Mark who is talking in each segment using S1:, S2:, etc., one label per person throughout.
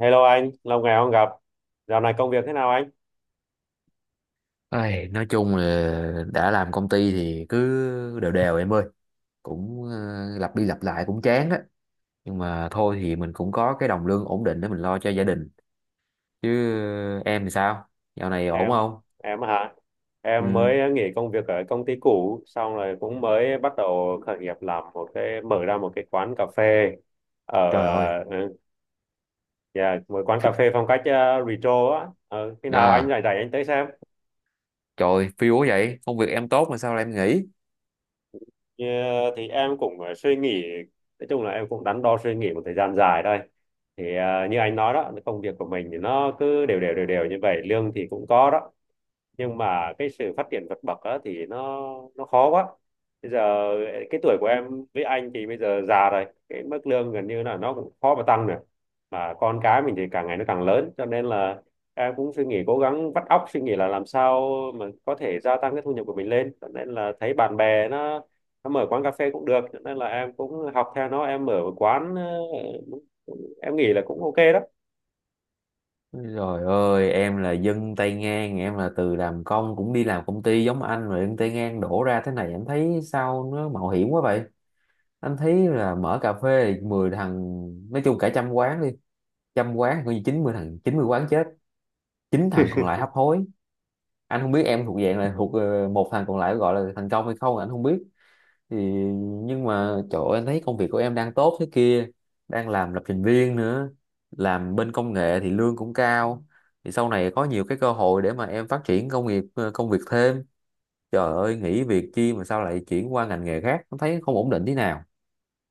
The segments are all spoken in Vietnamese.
S1: Hello anh, lâu ngày không gặp. Dạo này công việc thế nào anh?
S2: Ai, nói chung là đã làm công ty thì cứ đều đều em ơi, cũng lặp đi lặp lại cũng chán á. Nhưng mà thôi thì mình cũng có cái đồng lương ổn định để mình lo cho gia đình chứ. Em thì sao, dạo này ổn
S1: Em,
S2: không?
S1: em hả? Em
S2: Ừ.
S1: mới nghỉ công việc ở công ty cũ, xong rồi cũng mới bắt đầu khởi nghiệp làm một cái mở ra một cái quán cà phê ở
S2: Trời ơi.
S1: ừ, yeah, một quán cà phê phong cách retro á. Ờ, Khi nào anh
S2: À,
S1: rảnh rảnh anh tới xem.
S2: trời phiêu quá vậy, công việc em tốt mà sao lại em nghỉ?
S1: Thì em cũng suy nghĩ, nói chung là em cũng đắn đo suy nghĩ một thời gian dài đây. Thì như anh nói đó, công việc của mình thì nó cứ đều đều đều đều như vậy, lương thì cũng có đó, nhưng mà cái sự phát triển vượt bậc á, thì nó khó quá. Bây giờ cái tuổi của em với anh thì bây giờ già rồi, cái mức lương gần như là nó cũng khó mà tăng nữa, mà con cái mình thì càng ngày nó càng lớn, cho nên là em cũng suy nghĩ, cố gắng vắt óc suy nghĩ là làm sao mà có thể gia tăng cái thu nhập của mình lên. Cho nên là thấy bạn bè nó mở quán cà phê cũng được, cho nên là em cũng học theo nó, em mở một quán em nghĩ là cũng ok đó.
S2: Trời ơi, em là dân tay ngang, em là từ làm công cũng đi làm công ty giống anh rồi, dân tay ngang đổ ra thế này em thấy sao nó mạo hiểm quá vậy? Anh thấy là mở cà phê thì 10 thằng, nói chung cả trăm quán đi, trăm quán coi như 90 thằng, 90 quán chết, chín thằng còn lại hấp hối. Anh không biết em thuộc dạng là thuộc một thằng còn lại gọi là thành công hay không, anh không biết. Thì nhưng mà trời ơi, anh thấy công việc của em đang tốt thế kia, đang làm lập trình viên nữa, làm bên công nghệ thì lương cũng cao, thì sau này có nhiều cái cơ hội để mà em phát triển công nghiệp, công việc thêm. Trời ơi, nghỉ việc chi mà sao lại chuyển qua ngành nghề khác, anh thấy không ổn định thế nào.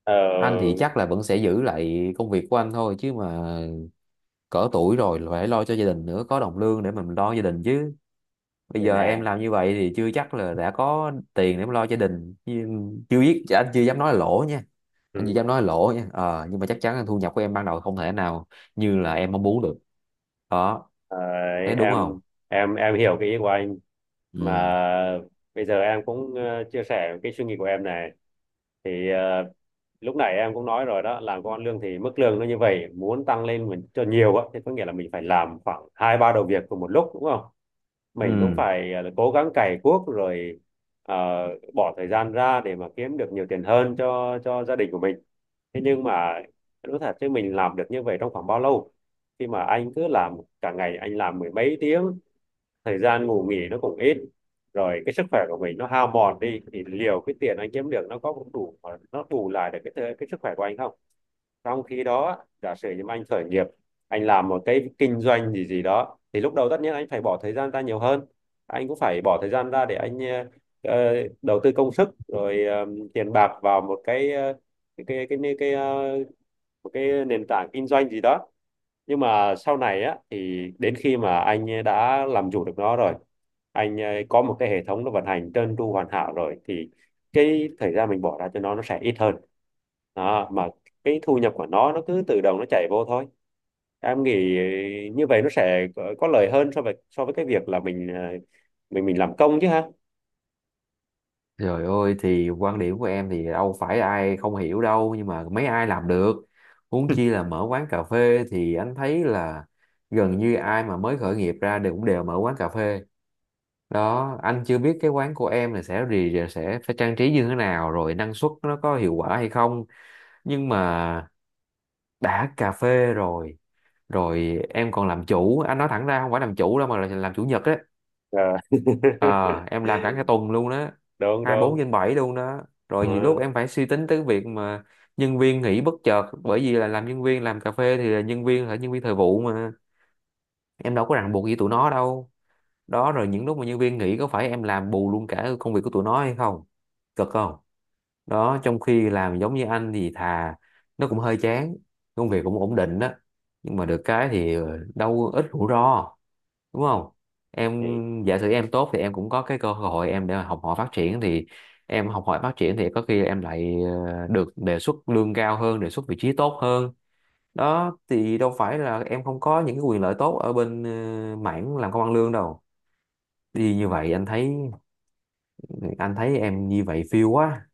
S1: ờ
S2: Anh thì chắc là vẫn sẽ giữ lại công việc của anh thôi chứ mà, cỡ tuổi rồi là phải lo cho gia đình nữa, có đồng lương để mình lo gia đình chứ. Bây
S1: Đây
S2: giờ em
S1: nè.
S2: làm như vậy thì chưa chắc là đã có tiền để mà lo gia đình. Nhưng chưa biết, anh chưa dám nói là lỗ nha, anh chưa
S1: Ừ.
S2: dám nói là lỗ nha. Ờ, nhưng mà chắc chắn là thu nhập của em ban đầu không thể nào như là em mong muốn được đó,
S1: Đấy,
S2: thấy đúng không?
S1: em hiểu cái ý của anh, mà
S2: Ừ.
S1: bây giờ em cũng chia sẻ cái suy nghĩ của em này. thì ờ, Lúc nãy em cũng nói rồi đó, làm công ăn lương thì mức lương nó như vậy, muốn tăng lên mình cho nhiều á thì có nghĩa là mình phải làm khoảng hai ba đầu việc cùng một lúc, đúng không? Mình cũng
S2: Ừ.
S1: phải cố gắng cày cuốc, rồi ờ, bỏ thời gian ra để mà kiếm được nhiều tiền hơn cho gia đình của mình. Thế nhưng mà nói thật chứ mình làm được như vậy trong khoảng bao lâu? Khi mà anh cứ làm cả ngày, anh làm mười mấy tiếng, thời gian ngủ nghỉ nó cũng ít, rồi cái sức khỏe của mình nó hao mòn đi, thì liệu cái tiền anh kiếm được nó có đủ, nó bù lại được cái sức khỏe của anh không? Trong khi đó, giả sử như anh khởi nghiệp, anh làm một cái kinh doanh gì gì đó, thì lúc đầu tất nhiên anh phải bỏ thời gian ra nhiều hơn. Anh cũng phải bỏ thời gian ra để anh ờ, đầu tư công sức, rồi tiền bạc vào một cái cái cái cái cái, cái ờ, một cái nền tảng kinh doanh gì đó. Nhưng mà sau này á, thì đến khi mà anh ấy đã làm chủ được nó rồi, anh ấy có một cái hệ thống nó vận hành trơn tru hoàn hảo rồi, thì cái thời gian mình bỏ ra cho nó sẽ ít hơn. Đó, mà cái thu nhập của nó cứ tự động nó chảy vô thôi. Em nghĩ như vậy nó sẽ có lợi hơn so với cái việc là mình mình làm công chứ ha.
S2: Trời ơi, thì quan điểm của em thì đâu phải ai không hiểu đâu, nhưng mà mấy ai làm được. Huống chi là mở quán cà phê, thì anh thấy là gần như ai mà mới khởi nghiệp ra đều cũng đều mở quán cà phê đó. Anh chưa biết cái quán của em là sẽ gì, sẽ phải trang trí như thế nào, rồi năng suất nó có hiệu quả hay không. Nhưng mà đã cà phê rồi, rồi em còn làm chủ, anh nói thẳng ra không phải làm chủ đâu mà là làm chủ nhật á.
S1: Ờ.
S2: Ờ, em làm cả cái tuần luôn đó,
S1: Đúng
S2: 24
S1: đúng.
S2: trên 7 luôn đó. Rồi nhiều
S1: Ờ,
S2: lúc em phải suy tính tới việc mà nhân viên nghỉ bất chợt, bởi vì là làm nhân viên làm cà phê thì là nhân viên thời vụ mà, em đâu có ràng buộc gì tụi nó đâu đó. Rồi những lúc mà nhân viên nghỉ có phải em làm bù luôn cả công việc của tụi nó hay không, cực không đó. Trong khi làm giống như anh thì thà, nó cũng hơi chán, công việc cũng ổn định đó, nhưng mà được cái thì đâu ít rủi ro, đúng không? Em
S1: thì
S2: giả sử em tốt thì em cũng có cái cơ hội em để mà học hỏi phát triển, thì em học hỏi phát triển thì có khi em lại được đề xuất lương cao hơn, đề xuất vị trí tốt hơn đó. Thì đâu phải là em không có những cái quyền lợi tốt ở bên mảng làm công ăn lương đâu. Đi như vậy anh thấy, anh thấy em như vậy phiêu quá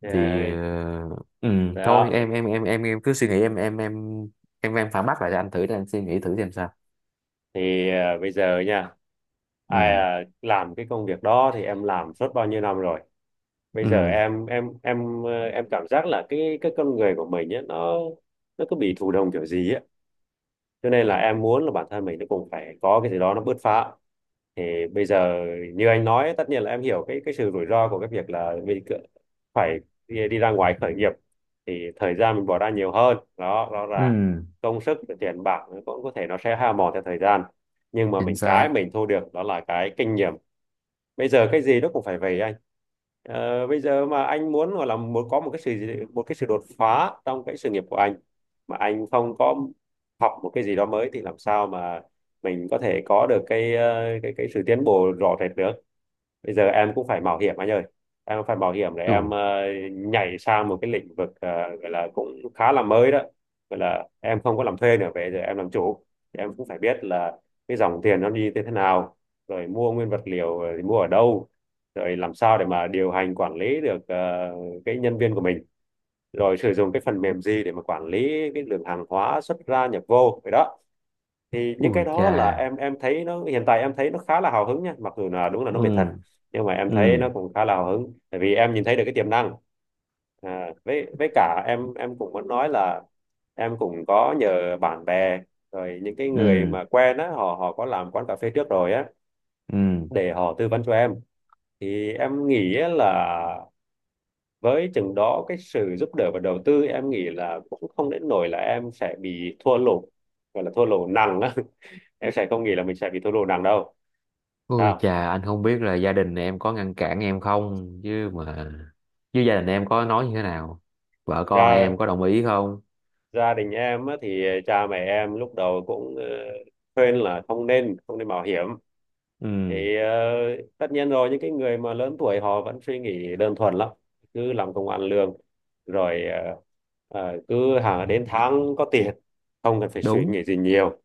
S1: ờ,
S2: thì ừ, thôi
S1: đó
S2: em cứ suy nghĩ, em phản bác lại cho anh thử để anh suy nghĩ thử xem sao.
S1: thì à, Bây giờ nha,
S2: Ừ.
S1: làm cái công việc đó thì em làm suốt bao nhiêu năm rồi. Bây giờ
S2: Ừ.
S1: em cảm giác là cái con người của mình ấy, nó cứ bị thụ động kiểu gì á, cho nên là em muốn là bản thân mình nó cũng phải có cái gì đó nó bứt phá. Thì bây giờ, như anh nói, tất nhiên là em hiểu cái sự rủi ro của cái việc là phải đi ra ngoài khởi nghiệp. Thì thời gian mình bỏ ra nhiều hơn đó rõ ràng,
S2: Ừ.
S1: công sức tiền bạc nó cũng có thể nó sẽ hao mòn theo thời gian, nhưng mà
S2: Chính
S1: mình cái
S2: xác.
S1: mình thu được đó là cái kinh nghiệm. Bây giờ cái gì nó cũng phải vậy anh. Ờ, bây giờ mà anh muốn, gọi là muốn có một một cái sự đột phá trong cái sự nghiệp của anh mà anh không có học một cái gì đó mới, thì làm sao mà mình có thể có được cái ờ, cái sự tiến bộ rõ rệt được. Bây giờ em cũng phải mạo hiểm anh ơi, em phải mạo hiểm để
S2: Ừ.
S1: em nhảy sang một cái lĩnh vực gọi là cũng khá là mới đó, gọi là em không có làm thuê nữa, bây giờ em làm chủ. Thì em cũng phải biết là cái dòng tiền nó đi như thế nào, rồi mua nguyên vật liệu thì mua ở đâu, rồi làm sao để mà điều hành quản lý được cái nhân viên của mình, rồi sử dụng cái phần mềm gì để mà quản lý cái lượng hàng hóa xuất ra nhập vô vậy đó. Thì những cái
S2: Ui
S1: đó
S2: chà.
S1: là em thấy nó hiện tại, em thấy nó khá là hào hứng nha, mặc dù là đúng là nó mệt thật,
S2: Ừ.
S1: nhưng mà em thấy nó
S2: Ừ.
S1: cũng khá là hào hứng, tại vì em nhìn thấy được cái tiềm năng. À, với cả em cũng muốn nói là em cũng có nhờ bạn bè, rồi những cái người
S2: Ừ.
S1: mà quen á, họ họ có làm quán cà phê trước rồi á,
S2: Ừ.
S1: để họ tư vấn cho em. Thì em nghĩ á là với chừng đó cái sự giúp đỡ và đầu tư, em nghĩ là cũng không đến nỗi là em sẽ bị thua lỗ, gọi là thua lỗ nặng á. Em sẽ không nghĩ là mình sẽ bị thua lỗ nặng đâu.
S2: Ui
S1: Sao?
S2: chà, anh không biết là gia đình em có ngăn cản em không, chứ gia đình em có nói như thế nào, vợ con em
S1: gia
S2: có đồng ý không?
S1: gia đình em á, thì cha mẹ em lúc đầu cũng khuyên là không nên không nên mạo hiểm.
S2: Ừ,
S1: thì ờ, Tất nhiên rồi, những cái người mà lớn tuổi họ vẫn suy nghĩ đơn thuần lắm, cứ làm công ăn lương rồi cứ hàng đến tháng có tiền, không cần phải suy
S2: đúng,
S1: nghĩ gì nhiều.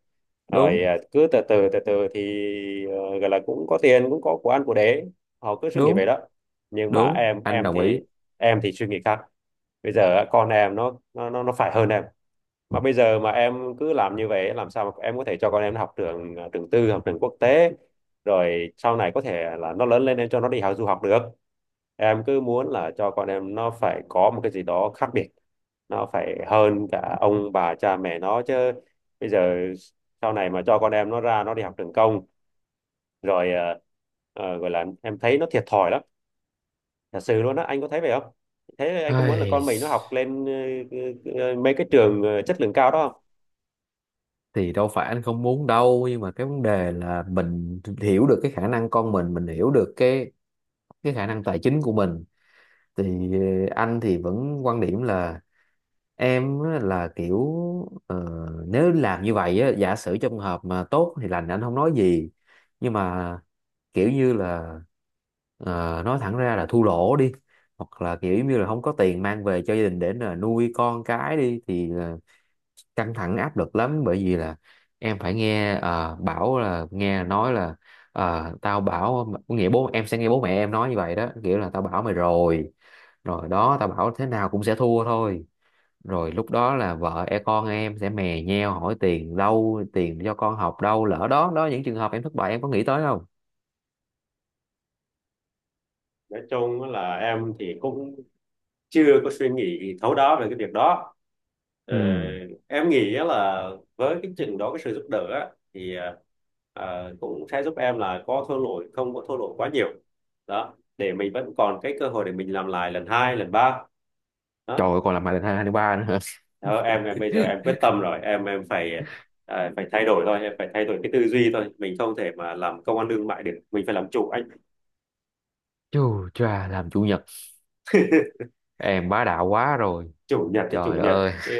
S2: đúng,
S1: Rồi cứ từ từ từ từ thì gọi là cũng có tiền, cũng có của ăn của để, họ cứ suy nghĩ vậy
S2: đúng,
S1: đó. Nhưng mà
S2: đúng,
S1: em
S2: anh
S1: em
S2: đồng
S1: thì
S2: ý.
S1: em thì suy nghĩ khác. Bây giờ á, con em nó phải hơn em, mà bây giờ mà em cứ làm như vậy, làm sao mà em có thể cho con em nó học trường tư, học trường quốc tế, rồi sau này có thể là nó lớn lên em cho nó đi học du học được. Em cứ muốn là cho con em nó phải có một cái gì đó khác biệt, nó phải hơn cả ông bà cha mẹ nó chứ. Bây giờ sau này mà cho con em nó ra nó đi học trường công, rồi gọi là em thấy nó thiệt thòi lắm, thật sự luôn á. Anh có thấy vậy không? Thế anh có muốn là
S2: Ai,
S1: con mình nó học lên mấy cái trường chất lượng cao đó không?
S2: thì đâu phải anh không muốn đâu, nhưng mà cái vấn đề là mình hiểu được cái khả năng con mình hiểu được cái khả năng tài chính của mình. Thì anh thì vẫn quan điểm là em á, là kiểu ờ, nếu làm như vậy á, giả sử trong trường hợp mà tốt thì lành anh không nói gì. Nhưng mà kiểu như là nói thẳng ra là thua lỗ đi, hoặc là kiểu như là không có tiền mang về cho gia đình để là nuôi con cái đi thì là căng thẳng áp lực lắm, bởi vì là em phải nghe bảo là nghe nói là tao bảo, có nghĩa bố em sẽ nghe bố mẹ em nói như vậy đó, kiểu là tao bảo mày rồi rồi đó tao bảo thế nào cũng sẽ thua thôi. Rồi lúc đó là vợ con em sẽ mè nheo hỏi tiền đâu, tiền cho con học đâu, lỡ đó đó những trường hợp em thất bại em có nghĩ tới không?
S1: Nói chung là em thì cũng chưa có suy nghĩ thấu đáo về cái việc đó. Ờ,
S2: Ừ.
S1: em nghĩ á là với cái trình đó cái sự giúp đỡ á, thì cũng sẽ giúp em là có thua lỗi không có thua lỗi quá nhiều đó, để mình vẫn còn cái cơ hội để mình làm lại lần hai lần ba đó.
S2: Trời ơi, còn làm bài lần hai, hai ba nữa hả?
S1: Đó, em bây giờ em quyết tâm rồi, em phải thay đổi thôi, em phải thay đổi cái tư duy thôi, mình không thể mà làm công ăn lương mại được, mình phải làm chủ anh.
S2: Chù chà, làm chủ nhật em bá đạo quá rồi.
S1: Chủ nhật thì chủ
S2: Trời
S1: nhật.
S2: ơi.
S1: Ừ.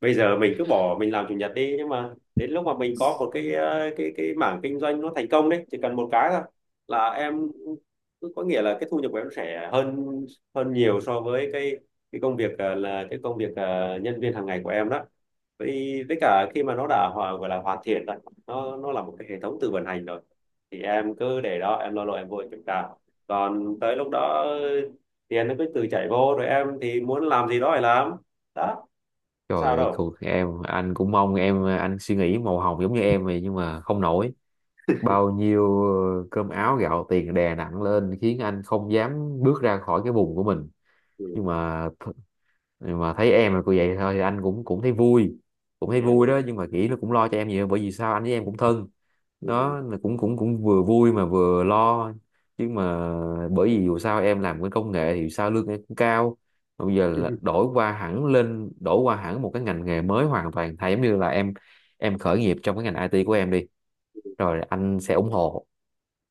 S1: Bây giờ mình cứ bỏ mình làm chủ nhật đi, nhưng mà đến lúc mà mình có một cái mảng kinh doanh nó thành công đấy, chỉ cần một cái thôi, là em, cứ có nghĩa là cái thu nhập của em sẽ hơn hơn nhiều so với cái công việc là cái công việc nhân viên hàng ngày của em đó. Với cả khi mà nó đã gọi là hoàn thiện rồi, nó là một cái hệ thống tự vận hành rồi, thì em cứ để đó, em lo lo em vô em kiểm tra. Còn tới lúc đó tiền nó cứ tự chảy vô, rồi em thì muốn làm gì đó phải làm đó, có
S2: Trời
S1: sao
S2: ơi,
S1: đâu.
S2: cuộc em, anh cũng mong em, anh suy nghĩ màu hồng giống như em vậy nhưng mà không nổi, bao nhiêu cơm áo gạo tiền đè nặng lên khiến anh không dám bước ra khỏi cái vùng của mình.
S1: Ừ,
S2: nhưng mà th- nhưng mà thấy em là cô vậy thôi thì anh cũng cũng thấy vui, cũng thấy vui
S1: ừ,
S2: đó. Nhưng mà nghĩ nó cũng lo cho em nhiều, bởi vì sao anh với em cũng thân,
S1: ừ.
S2: đó là cũng cũng cũng vừa vui mà vừa lo. Nhưng mà bởi vì dù sao em làm cái công nghệ thì sao lương em cũng cao. Mà bây giờ là đổi qua hẳn một cái ngành nghề mới hoàn toàn thay, giống như là em khởi nghiệp trong cái ngành IT của em đi, rồi anh sẽ ủng hộ.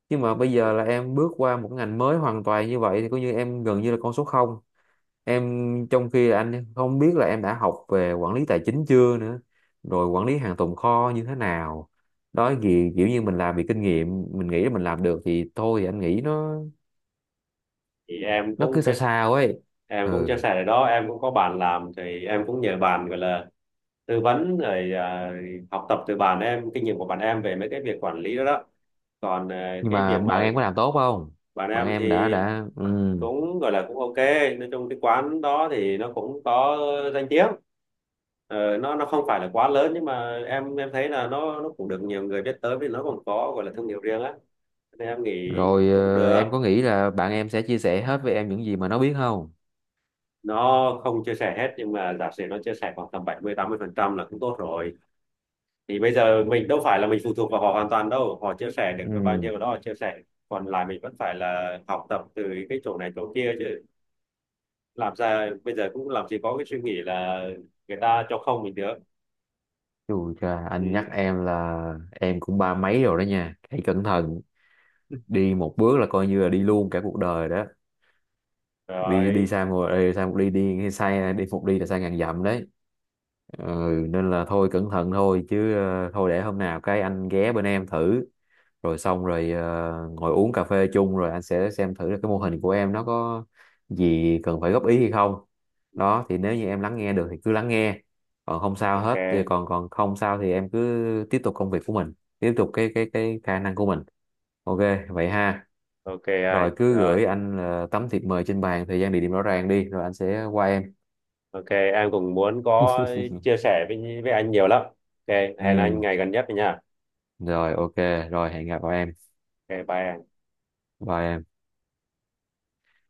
S2: Chứ mà bây giờ là em bước qua một ngành mới hoàn toàn như vậy thì coi như em gần như là con số không, em trong khi là anh không biết là em đã học về quản lý tài chính chưa nữa, rồi quản lý hàng tồn kho như thế nào đó gì, kiểu như mình làm vì kinh nghiệm mình nghĩ là mình làm được thì thôi, thì anh nghĩ nó
S1: Thì
S2: nó cứ sao sao ấy.
S1: em cũng chia
S2: Ừ.
S1: sẻ ở đó, em cũng có bạn làm, thì em cũng nhờ bạn, gọi là tư vấn rồi, học tập từ bạn em, kinh nghiệm của bạn em về mấy cái việc quản lý đó đó. Còn
S2: Nhưng
S1: cái
S2: mà
S1: việc
S2: bạn
S1: mà
S2: em có làm tốt không,
S1: bạn
S2: bạn
S1: em thì
S2: em đã. Ừ.
S1: cũng gọi là cũng ok, nói chung cái quán đó thì nó cũng có danh tiếng. Ờ, nó không phải là quá lớn, nhưng mà em thấy là nó cũng được nhiều người biết tới, vì nó còn có gọi là thương hiệu riêng á, nên em nghĩ
S2: Rồi,
S1: cũng được.
S2: em có nghĩ là bạn em sẽ chia sẻ hết với em những gì mà nó biết không?
S1: Nó không chia sẻ hết, nhưng mà giả sử nó chia sẻ khoảng tầm 70-80% là cũng tốt rồi. Thì bây giờ mình đâu phải là mình phụ thuộc vào họ hoàn toàn đâu, họ chia sẻ được bao
S2: Ừ.
S1: nhiêu đó họ chia sẻ, còn lại mình vẫn phải là học tập từ cái chỗ này chỗ kia chứ. Làm ra bây giờ cũng làm gì có cái suy nghĩ là người ta cho không mình được.
S2: Chù cha,
S1: Ừ.
S2: anh nhắc em là em cũng ba mấy rồi đó nha. Hãy cẩn thận, đi một bước là coi như là đi luôn cả cuộc đời đó. Vì
S1: Rồi,
S2: đi sai một, đi sai một, đi đi sai đi một đi là sai ngàn dặm đấy. Ừ, nên là thôi cẩn thận thôi chứ. Ờ, Thôi, để hôm nào cái anh ghé bên em thử, rồi xong rồi ngồi uống cà phê chung, rồi anh sẽ xem thử là cái mô hình của em nó có gì cần phải góp ý hay không đó. Thì nếu như em lắng nghe được thì cứ lắng nghe, còn không sao hết thì
S1: ok.
S2: còn còn không sao thì em cứ tiếp tục công việc của mình, tiếp tục cái khả năng của mình. OK, vậy ha.
S1: Ok
S2: Rồi
S1: anh,
S2: cứ
S1: rồi
S2: gửi anh tấm thiệp mời trên bàn, thời gian địa điểm rõ ràng đi, rồi anh sẽ qua em.
S1: ok, em cũng muốn có chia sẻ với anh nhiều lắm. Ok, hẹn anh
S2: Ừ.
S1: ngày gần nhất nha.
S2: Rồi. OK. Rồi, hẹn gặp em.
S1: Ok, bye em.
S2: Bye em.